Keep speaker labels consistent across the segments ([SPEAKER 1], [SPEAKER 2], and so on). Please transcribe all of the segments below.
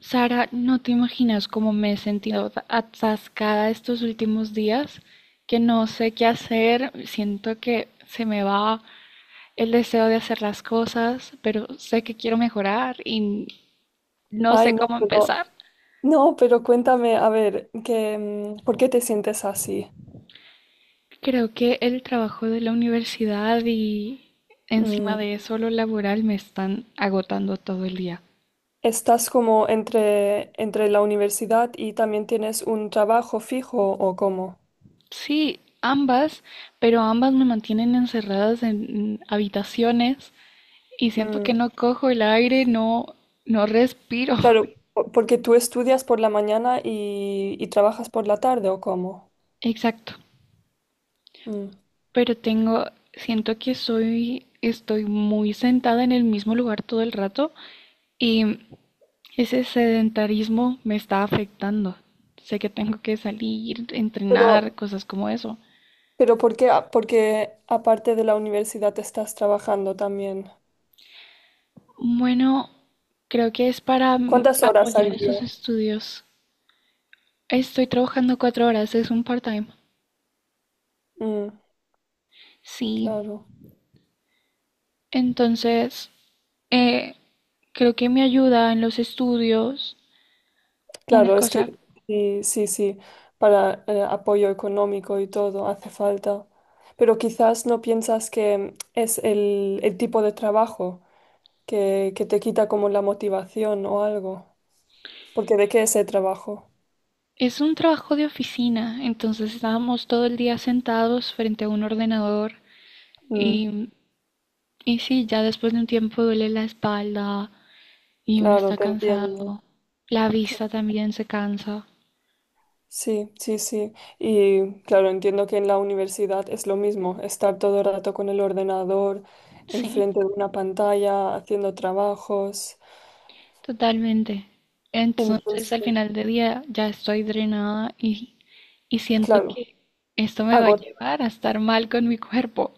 [SPEAKER 1] Sara, no te imaginas cómo me he sentido atascada estos últimos días, que no sé qué hacer, siento que se me va el deseo de hacer las cosas, pero sé que quiero mejorar y no
[SPEAKER 2] Ay,
[SPEAKER 1] sé
[SPEAKER 2] no,
[SPEAKER 1] cómo
[SPEAKER 2] pero,
[SPEAKER 1] empezar.
[SPEAKER 2] no, pero cuéntame, a ver, ¿por qué te sientes así?
[SPEAKER 1] Creo que el trabajo de la universidad y encima
[SPEAKER 2] Mm,
[SPEAKER 1] de eso lo laboral me están agotando todo el día.
[SPEAKER 2] ¿Estás como entre la universidad y también tienes un trabajo fijo o cómo?
[SPEAKER 1] Sí, ambas, pero ambas me mantienen encerradas en habitaciones y siento
[SPEAKER 2] Mm,
[SPEAKER 1] que no cojo el aire, no, no respiro.
[SPEAKER 2] claro, porque tú estudias por la mañana y trabajas por la tarde o cómo?
[SPEAKER 1] Exacto.
[SPEAKER 2] Mm,
[SPEAKER 1] Pero siento que estoy muy sentada en el mismo lugar todo el rato y ese sedentarismo me está afectando. Sé que tengo que salir, entrenar,
[SPEAKER 2] pero,
[SPEAKER 1] cosas como eso.
[SPEAKER 2] pero ¿por qué, porque aparte de la universidad estás trabajando también?
[SPEAKER 1] Bueno, creo que es para
[SPEAKER 2] ¿Cuántas horas
[SPEAKER 1] apoyar
[SPEAKER 2] al
[SPEAKER 1] esos
[SPEAKER 2] día?
[SPEAKER 1] estudios. Estoy trabajando cuatro horas, es un part-time.
[SPEAKER 2] Mm,
[SPEAKER 1] Sí.
[SPEAKER 2] claro.
[SPEAKER 1] Entonces, eh, creo que me ayuda en los estudios. Una
[SPEAKER 2] Claro, es
[SPEAKER 1] cosa,
[SPEAKER 2] que sí, sí, sí, para apoyo económico y todo hace falta. Pero quizás no piensas que es el tipo de trabajo que te quita como la motivación o algo. Porque ¿de qué es el trabajo?
[SPEAKER 1] es un trabajo de oficina, entonces estábamos todo el día sentados frente a un ordenador
[SPEAKER 2] Mm,
[SPEAKER 1] y, y sí, ya después de un tiempo duele la espalda y uno
[SPEAKER 2] claro,
[SPEAKER 1] está
[SPEAKER 2] te entiendo.
[SPEAKER 1] cansado. La
[SPEAKER 2] Te-
[SPEAKER 1] vista también se cansa.
[SPEAKER 2] Sí, sí, sí. Y claro, entiendo que en la universidad es lo mismo, estar todo el rato con el ordenador,
[SPEAKER 1] Sí,
[SPEAKER 2] enfrente de una pantalla, haciendo trabajos.
[SPEAKER 1] totalmente. Entonces, al
[SPEAKER 2] Entonces,
[SPEAKER 1] final del día ya estoy drenada y siento
[SPEAKER 2] claro.
[SPEAKER 1] que esto me va a llevar a estar mal con mi cuerpo.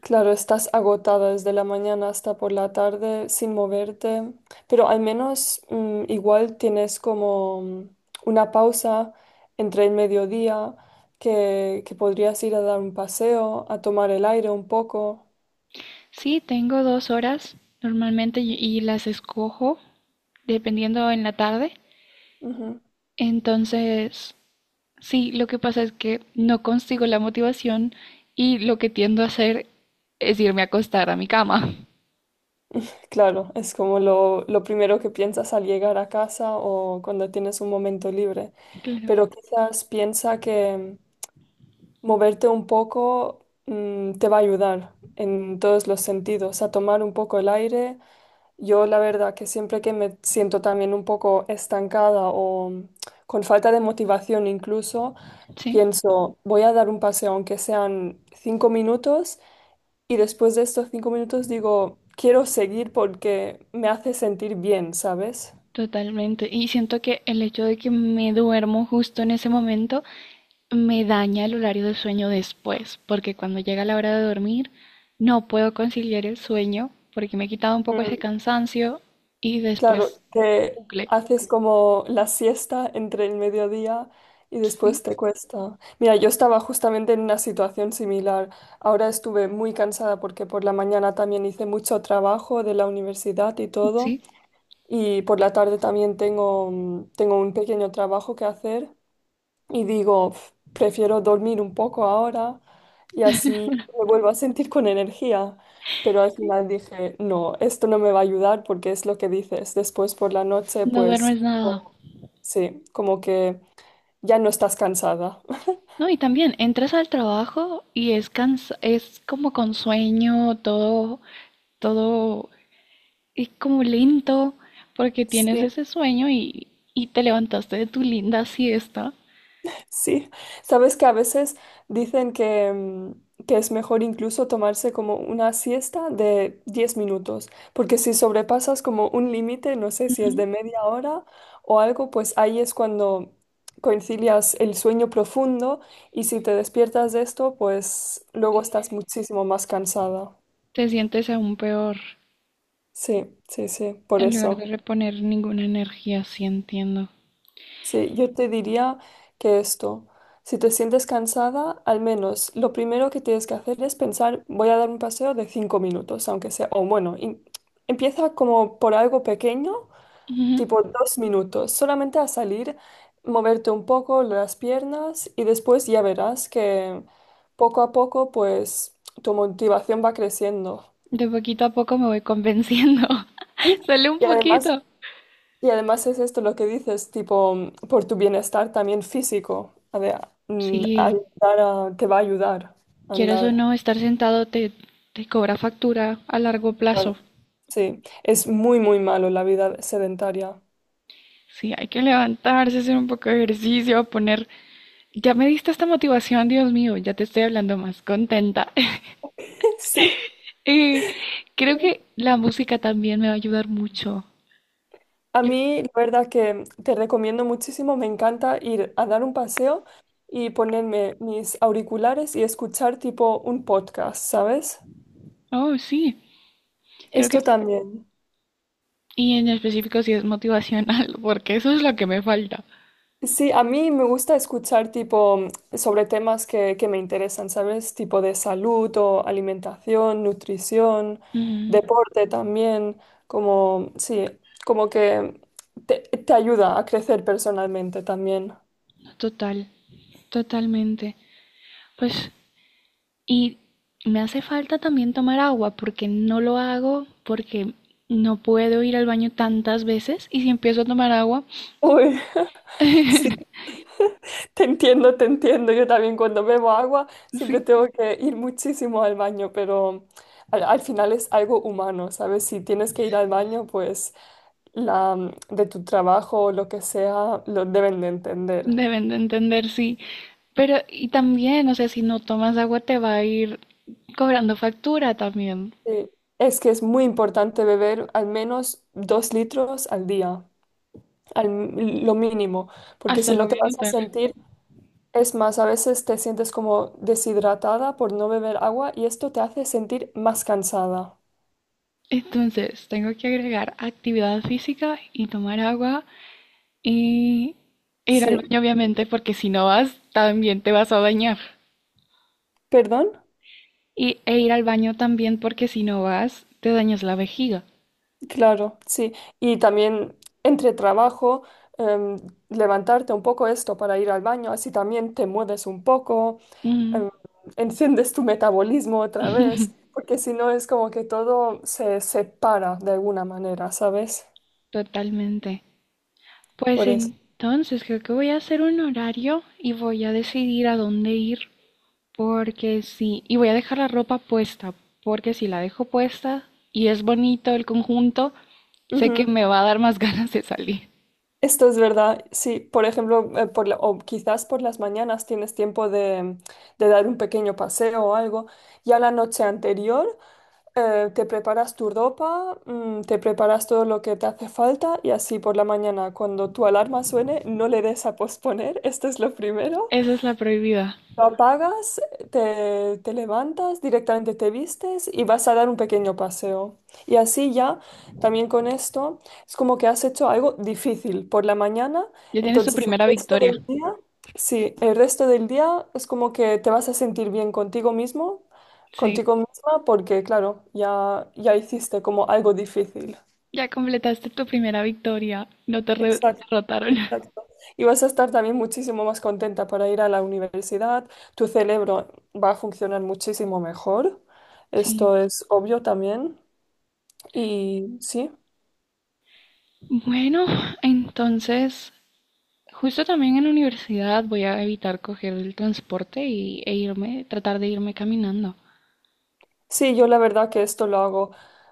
[SPEAKER 2] Claro, estás agotada desde la mañana hasta por la tarde sin moverte, pero al menos igual tienes como una pausa entre el mediodía que podrías ir a dar un paseo, a tomar el aire un poco.
[SPEAKER 1] Sí, tengo 2 horas normalmente y las escojo dependiendo en la tarde.
[SPEAKER 2] Ujú.
[SPEAKER 1] Entonces, sí, lo que pasa es que no consigo la motivación y lo que tiendo a hacer es irme a acostar a mi cama.
[SPEAKER 2] Claro, es como lo primero que piensas al llegar a casa o cuando tienes un momento libre,
[SPEAKER 1] Claro,
[SPEAKER 2] pero quizás piensa que moverte un poco te va a ayudar en todos los sentidos, a tomar un poco el aire. Yo la verdad que siempre que me siento también un poco estancada o con falta de motivación incluso,
[SPEAKER 1] sí,
[SPEAKER 2] pienso, voy a dar un paseo aunque sean 5 minutos y después de estos 5 minutos digo, quiero seguir porque me hace sentir bien, ¿sabes?
[SPEAKER 1] totalmente. Y siento que el hecho de que me duermo justo en ese momento me daña el horario de sueño después, porque cuando llega la hora de dormir no puedo conciliar el sueño porque me he quitado un poco ese cansancio y
[SPEAKER 2] Claro,
[SPEAKER 1] después un
[SPEAKER 2] que
[SPEAKER 1] bucle.
[SPEAKER 2] haces como la siesta entre el mediodía y después
[SPEAKER 1] Sí,
[SPEAKER 2] te cuesta. Mira, yo estaba justamente en una situación similar. Ahora estuve muy cansada porque por la mañana también hice mucho trabajo de la universidad y todo.
[SPEAKER 1] sí,
[SPEAKER 2] Y por la tarde también tengo un pequeño trabajo que hacer y digo, "Pf, prefiero dormir un poco ahora y así me vuelvo a sentir con energía". Pero al final dije, no, esto no me va a ayudar porque es lo que dices. Después por la noche,
[SPEAKER 1] no
[SPEAKER 2] pues,
[SPEAKER 1] duermes nada.
[SPEAKER 2] no, sí, como que ya no estás cansada.
[SPEAKER 1] No, y también entras al trabajo y es como con sueño, todo es como lento porque tienes
[SPEAKER 2] Sí.
[SPEAKER 1] ese sueño y te levantaste de tu linda siesta.
[SPEAKER 2] Sí, sabes que a veces dicen que es mejor incluso tomarse como una siesta de 10 minutos, porque si sobrepasas como un límite, no sé si es
[SPEAKER 1] Ujú.
[SPEAKER 2] de media hora o algo, pues ahí es cuando concilias el sueño profundo y si te despiertas de esto, pues luego estás muchísimo más cansada.
[SPEAKER 1] Te sientes aún peor.
[SPEAKER 2] Sí, sí, sí, por
[SPEAKER 1] En lugar
[SPEAKER 2] eso.
[SPEAKER 1] de reponer ninguna energía, sí entiendo.
[SPEAKER 2] Sí, yo te diría que esto, si te sientes cansada, al menos lo primero que tienes que hacer es pensar, voy a dar un paseo de 5 minutos, aunque sea, o bueno, empieza como por algo pequeño,
[SPEAKER 1] Ujú.
[SPEAKER 2] tipo 2 minutos, solamente a salir, moverte un poco las piernas y después ya verás que poco a poco, pues, tu motivación va creciendo.
[SPEAKER 1] De poquito a poco me voy convenciendo.
[SPEAKER 2] Sí,
[SPEAKER 1] Solo un
[SPEAKER 2] y además,
[SPEAKER 1] poquito.
[SPEAKER 2] y además es esto lo que dices, tipo, por tu bienestar también físico,
[SPEAKER 1] Sí,
[SPEAKER 2] te va a ayudar a
[SPEAKER 1] quieras o
[SPEAKER 2] andar.
[SPEAKER 1] no, estar sentado te cobra factura a largo plazo.
[SPEAKER 2] Claro. Sí, es muy, muy malo la vida sedentaria.
[SPEAKER 1] Sí, hay que levantarse, hacer un poco de ejercicio, poner. Ya me diste esta motivación, Dios mío, ya te estoy hablando más contenta.
[SPEAKER 2] Sí,
[SPEAKER 1] Eh, Creo que la música también me va a ayudar mucho.
[SPEAKER 2] a
[SPEAKER 1] Yo-
[SPEAKER 2] mí la verdad que te recomiendo muchísimo, me encanta ir a dar un paseo y ponerme mis auriculares y escuchar tipo un podcast, ¿sabes?
[SPEAKER 1] Oh, sí, creo que...
[SPEAKER 2] Esto también.
[SPEAKER 1] Y en específico si es motivacional, porque eso es lo que me falta.
[SPEAKER 2] Sí, a mí me gusta escuchar tipo sobre temas que me interesan, ¿sabes? Tipo de salud o alimentación, nutrición,
[SPEAKER 1] Ujú.
[SPEAKER 2] deporte también, como, sí, como que te ayuda a crecer personalmente también.
[SPEAKER 1] Total, Totalmente. Pues, y me hace falta también tomar agua porque no lo hago, porque no puedo ir al baño tantas veces y si empiezo a tomar agua,
[SPEAKER 2] Uy, sí, te entiendo, te entiendo. Yo también cuando bebo agua siempre
[SPEAKER 1] sí,
[SPEAKER 2] tengo que ir muchísimo al baño, pero al final es algo humano, ¿sabes? Si tienes que ir al baño, pues de tu trabajo o lo que sea, lo deben de entender.
[SPEAKER 1] deben de entender, sí. Pero, y también, o sea, si no tomas agua te va a ir cobrando factura también.
[SPEAKER 2] Sí. Es que es muy importante beber al menos 2 litros al día, al, lo mínimo, porque
[SPEAKER 1] Hasta
[SPEAKER 2] si
[SPEAKER 1] lo
[SPEAKER 2] no te
[SPEAKER 1] voy a
[SPEAKER 2] vas a
[SPEAKER 1] notar.
[SPEAKER 2] sentir, es más, a veces te sientes como deshidratada por no beber agua y esto te hace sentir más cansada.
[SPEAKER 1] Entonces, tengo que agregar actividad física y tomar agua y ir al
[SPEAKER 2] Sí,
[SPEAKER 1] baño, obviamente, porque si no vas, también te vas a bañar.
[SPEAKER 2] perdón,
[SPEAKER 1] E ir al baño también porque si no vas, te dañas la vejiga.
[SPEAKER 2] claro, sí. Y también entre trabajo, em, levantarte un poco esto para ir al baño, así también te mueves un poco.
[SPEAKER 1] Ujú,
[SPEAKER 2] em, enciendes tu metabolismo otra vez, porque si no es como que todo se separa de alguna manera, ¿sabes?
[SPEAKER 1] totalmente. Pues
[SPEAKER 2] Por eso.
[SPEAKER 1] entonces creo que voy a hacer un horario y voy a decidir a dónde ir porque sí, y voy a dejar la ropa puesta porque si la dejo puesta y es bonito el conjunto, sé que
[SPEAKER 2] Ujú.
[SPEAKER 1] me va a dar más ganas de salir.
[SPEAKER 2] Esto es verdad. Sí, por ejemplo, o quizás por las mañanas tienes tiempo de dar un pequeño paseo o algo. Ya la noche anterior te preparas tu ropa, te preparas todo lo que te hace falta y así por la mañana, cuando tu alarma suene, no le des a posponer. Esto es lo primero.
[SPEAKER 1] Esa es la prohibida.
[SPEAKER 2] Lo apagas, te levantas, directamente te vistes y vas a dar un pequeño paseo. Y así ya, también con esto, es como que has hecho algo difícil por la mañana,
[SPEAKER 1] Ya tienes tu
[SPEAKER 2] entonces
[SPEAKER 1] primera
[SPEAKER 2] el resto
[SPEAKER 1] victoria.
[SPEAKER 2] del día, sí, el resto del día es como que te vas a sentir bien contigo mismo,
[SPEAKER 1] Sí,
[SPEAKER 2] contigo misma, porque claro, ya hiciste como algo difícil.
[SPEAKER 1] ya completaste tu primera victoria. No te
[SPEAKER 2] Exacto,
[SPEAKER 1] derrotaron.
[SPEAKER 2] exacto. Y vas a estar también muchísimo más contenta para ir a la universidad. Tu cerebro va a funcionar muchísimo mejor.
[SPEAKER 1] Sí.
[SPEAKER 2] Esto es obvio también. Y sí,
[SPEAKER 1] Bueno, entonces, justo también en la universidad voy a evitar coger el transporte y tratar de irme caminando.
[SPEAKER 2] sí, yo la verdad que esto lo hago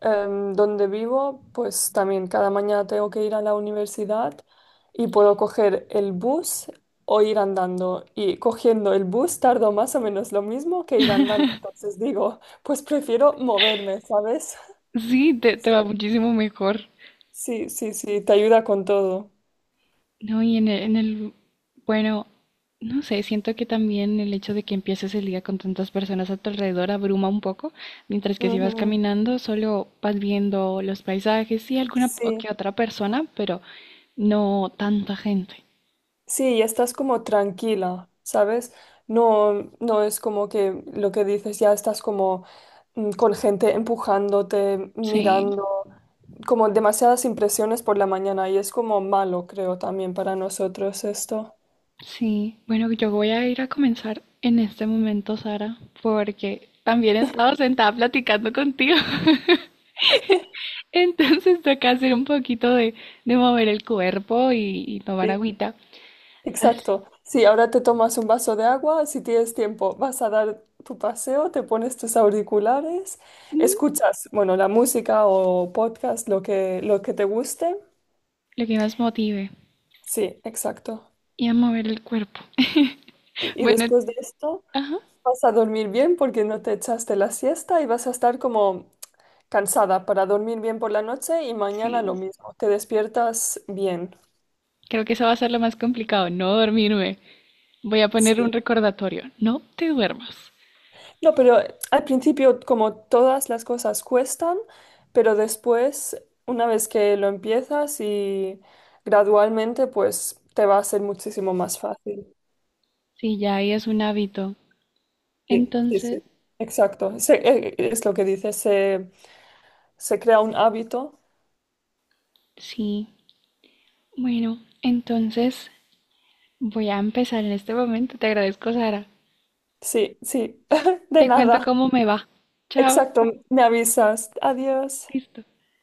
[SPEAKER 2] donde vivo, pues también cada mañana tengo que ir a la universidad y puedo coger el bus o ir andando. Y cogiendo el bus tardo más o menos lo mismo que ir andando. Entonces digo, pues prefiero moverme, ¿sabes?
[SPEAKER 1] Sí, te
[SPEAKER 2] Sí.
[SPEAKER 1] va muchísimo mejor.
[SPEAKER 2] Sí, sí, sí, te ayuda con todo.
[SPEAKER 1] No, y bueno, no sé, siento que también el hecho de que empieces el día con tantas personas a tu alrededor abruma un poco, mientras que si vas
[SPEAKER 2] Ujú.
[SPEAKER 1] caminando solo vas viendo los paisajes y alguna o que
[SPEAKER 2] Sí,
[SPEAKER 1] otra persona, pero no tanta gente.
[SPEAKER 2] sí, y estás como tranquila, ¿sabes? No, no es como que lo que dices, ya estás como con gente empujándote,
[SPEAKER 1] Sí.
[SPEAKER 2] mirando, como demasiadas impresiones por la mañana y es como malo, creo, también para nosotros esto.
[SPEAKER 1] Sí, bueno, yo voy a ir a comenzar en este momento, Sara, porque también he estado sentada platicando contigo. Entonces toca hacer un poquito de mover el cuerpo y tomar agüita. Así,
[SPEAKER 2] Exacto. Sí, ahora te tomas un vaso de agua, si tienes tiempo, vas a dar tu paseo, te pones tus auriculares,
[SPEAKER 1] mm,
[SPEAKER 2] escuchas, bueno, la música o podcast, lo que te guste.
[SPEAKER 1] lo que más motive
[SPEAKER 2] Sí, exacto.
[SPEAKER 1] y a mover el cuerpo.
[SPEAKER 2] Y
[SPEAKER 1] Bueno,
[SPEAKER 2] después de esto
[SPEAKER 1] ajá,
[SPEAKER 2] vas a dormir bien porque no te echaste la siesta y vas a estar como cansada para dormir bien por la noche y mañana lo
[SPEAKER 1] sí.
[SPEAKER 2] mismo. Te despiertas bien.
[SPEAKER 1] Creo que eso va a ser lo más complicado, no dormirme. Voy a poner
[SPEAKER 2] Sí.
[SPEAKER 1] un recordatorio, no te duermas.
[SPEAKER 2] No, pero al principio como todas las cosas cuestan, pero después, una vez que lo empiezas y gradualmente, pues te va a ser muchísimo más fácil.
[SPEAKER 1] Sí, ya ahí es un hábito.
[SPEAKER 2] Sí, sí,
[SPEAKER 1] Entonces,
[SPEAKER 2] sí. Exacto. Es lo que dice, se crea un hábito.
[SPEAKER 1] sí, bueno, voy a empezar en este momento. Te agradezco, Sara.
[SPEAKER 2] Sí, sí, de
[SPEAKER 1] Te cuento
[SPEAKER 2] nada.
[SPEAKER 1] cómo me va. Chao.
[SPEAKER 2] Exacto, me avisas. Adiós.
[SPEAKER 1] Listo.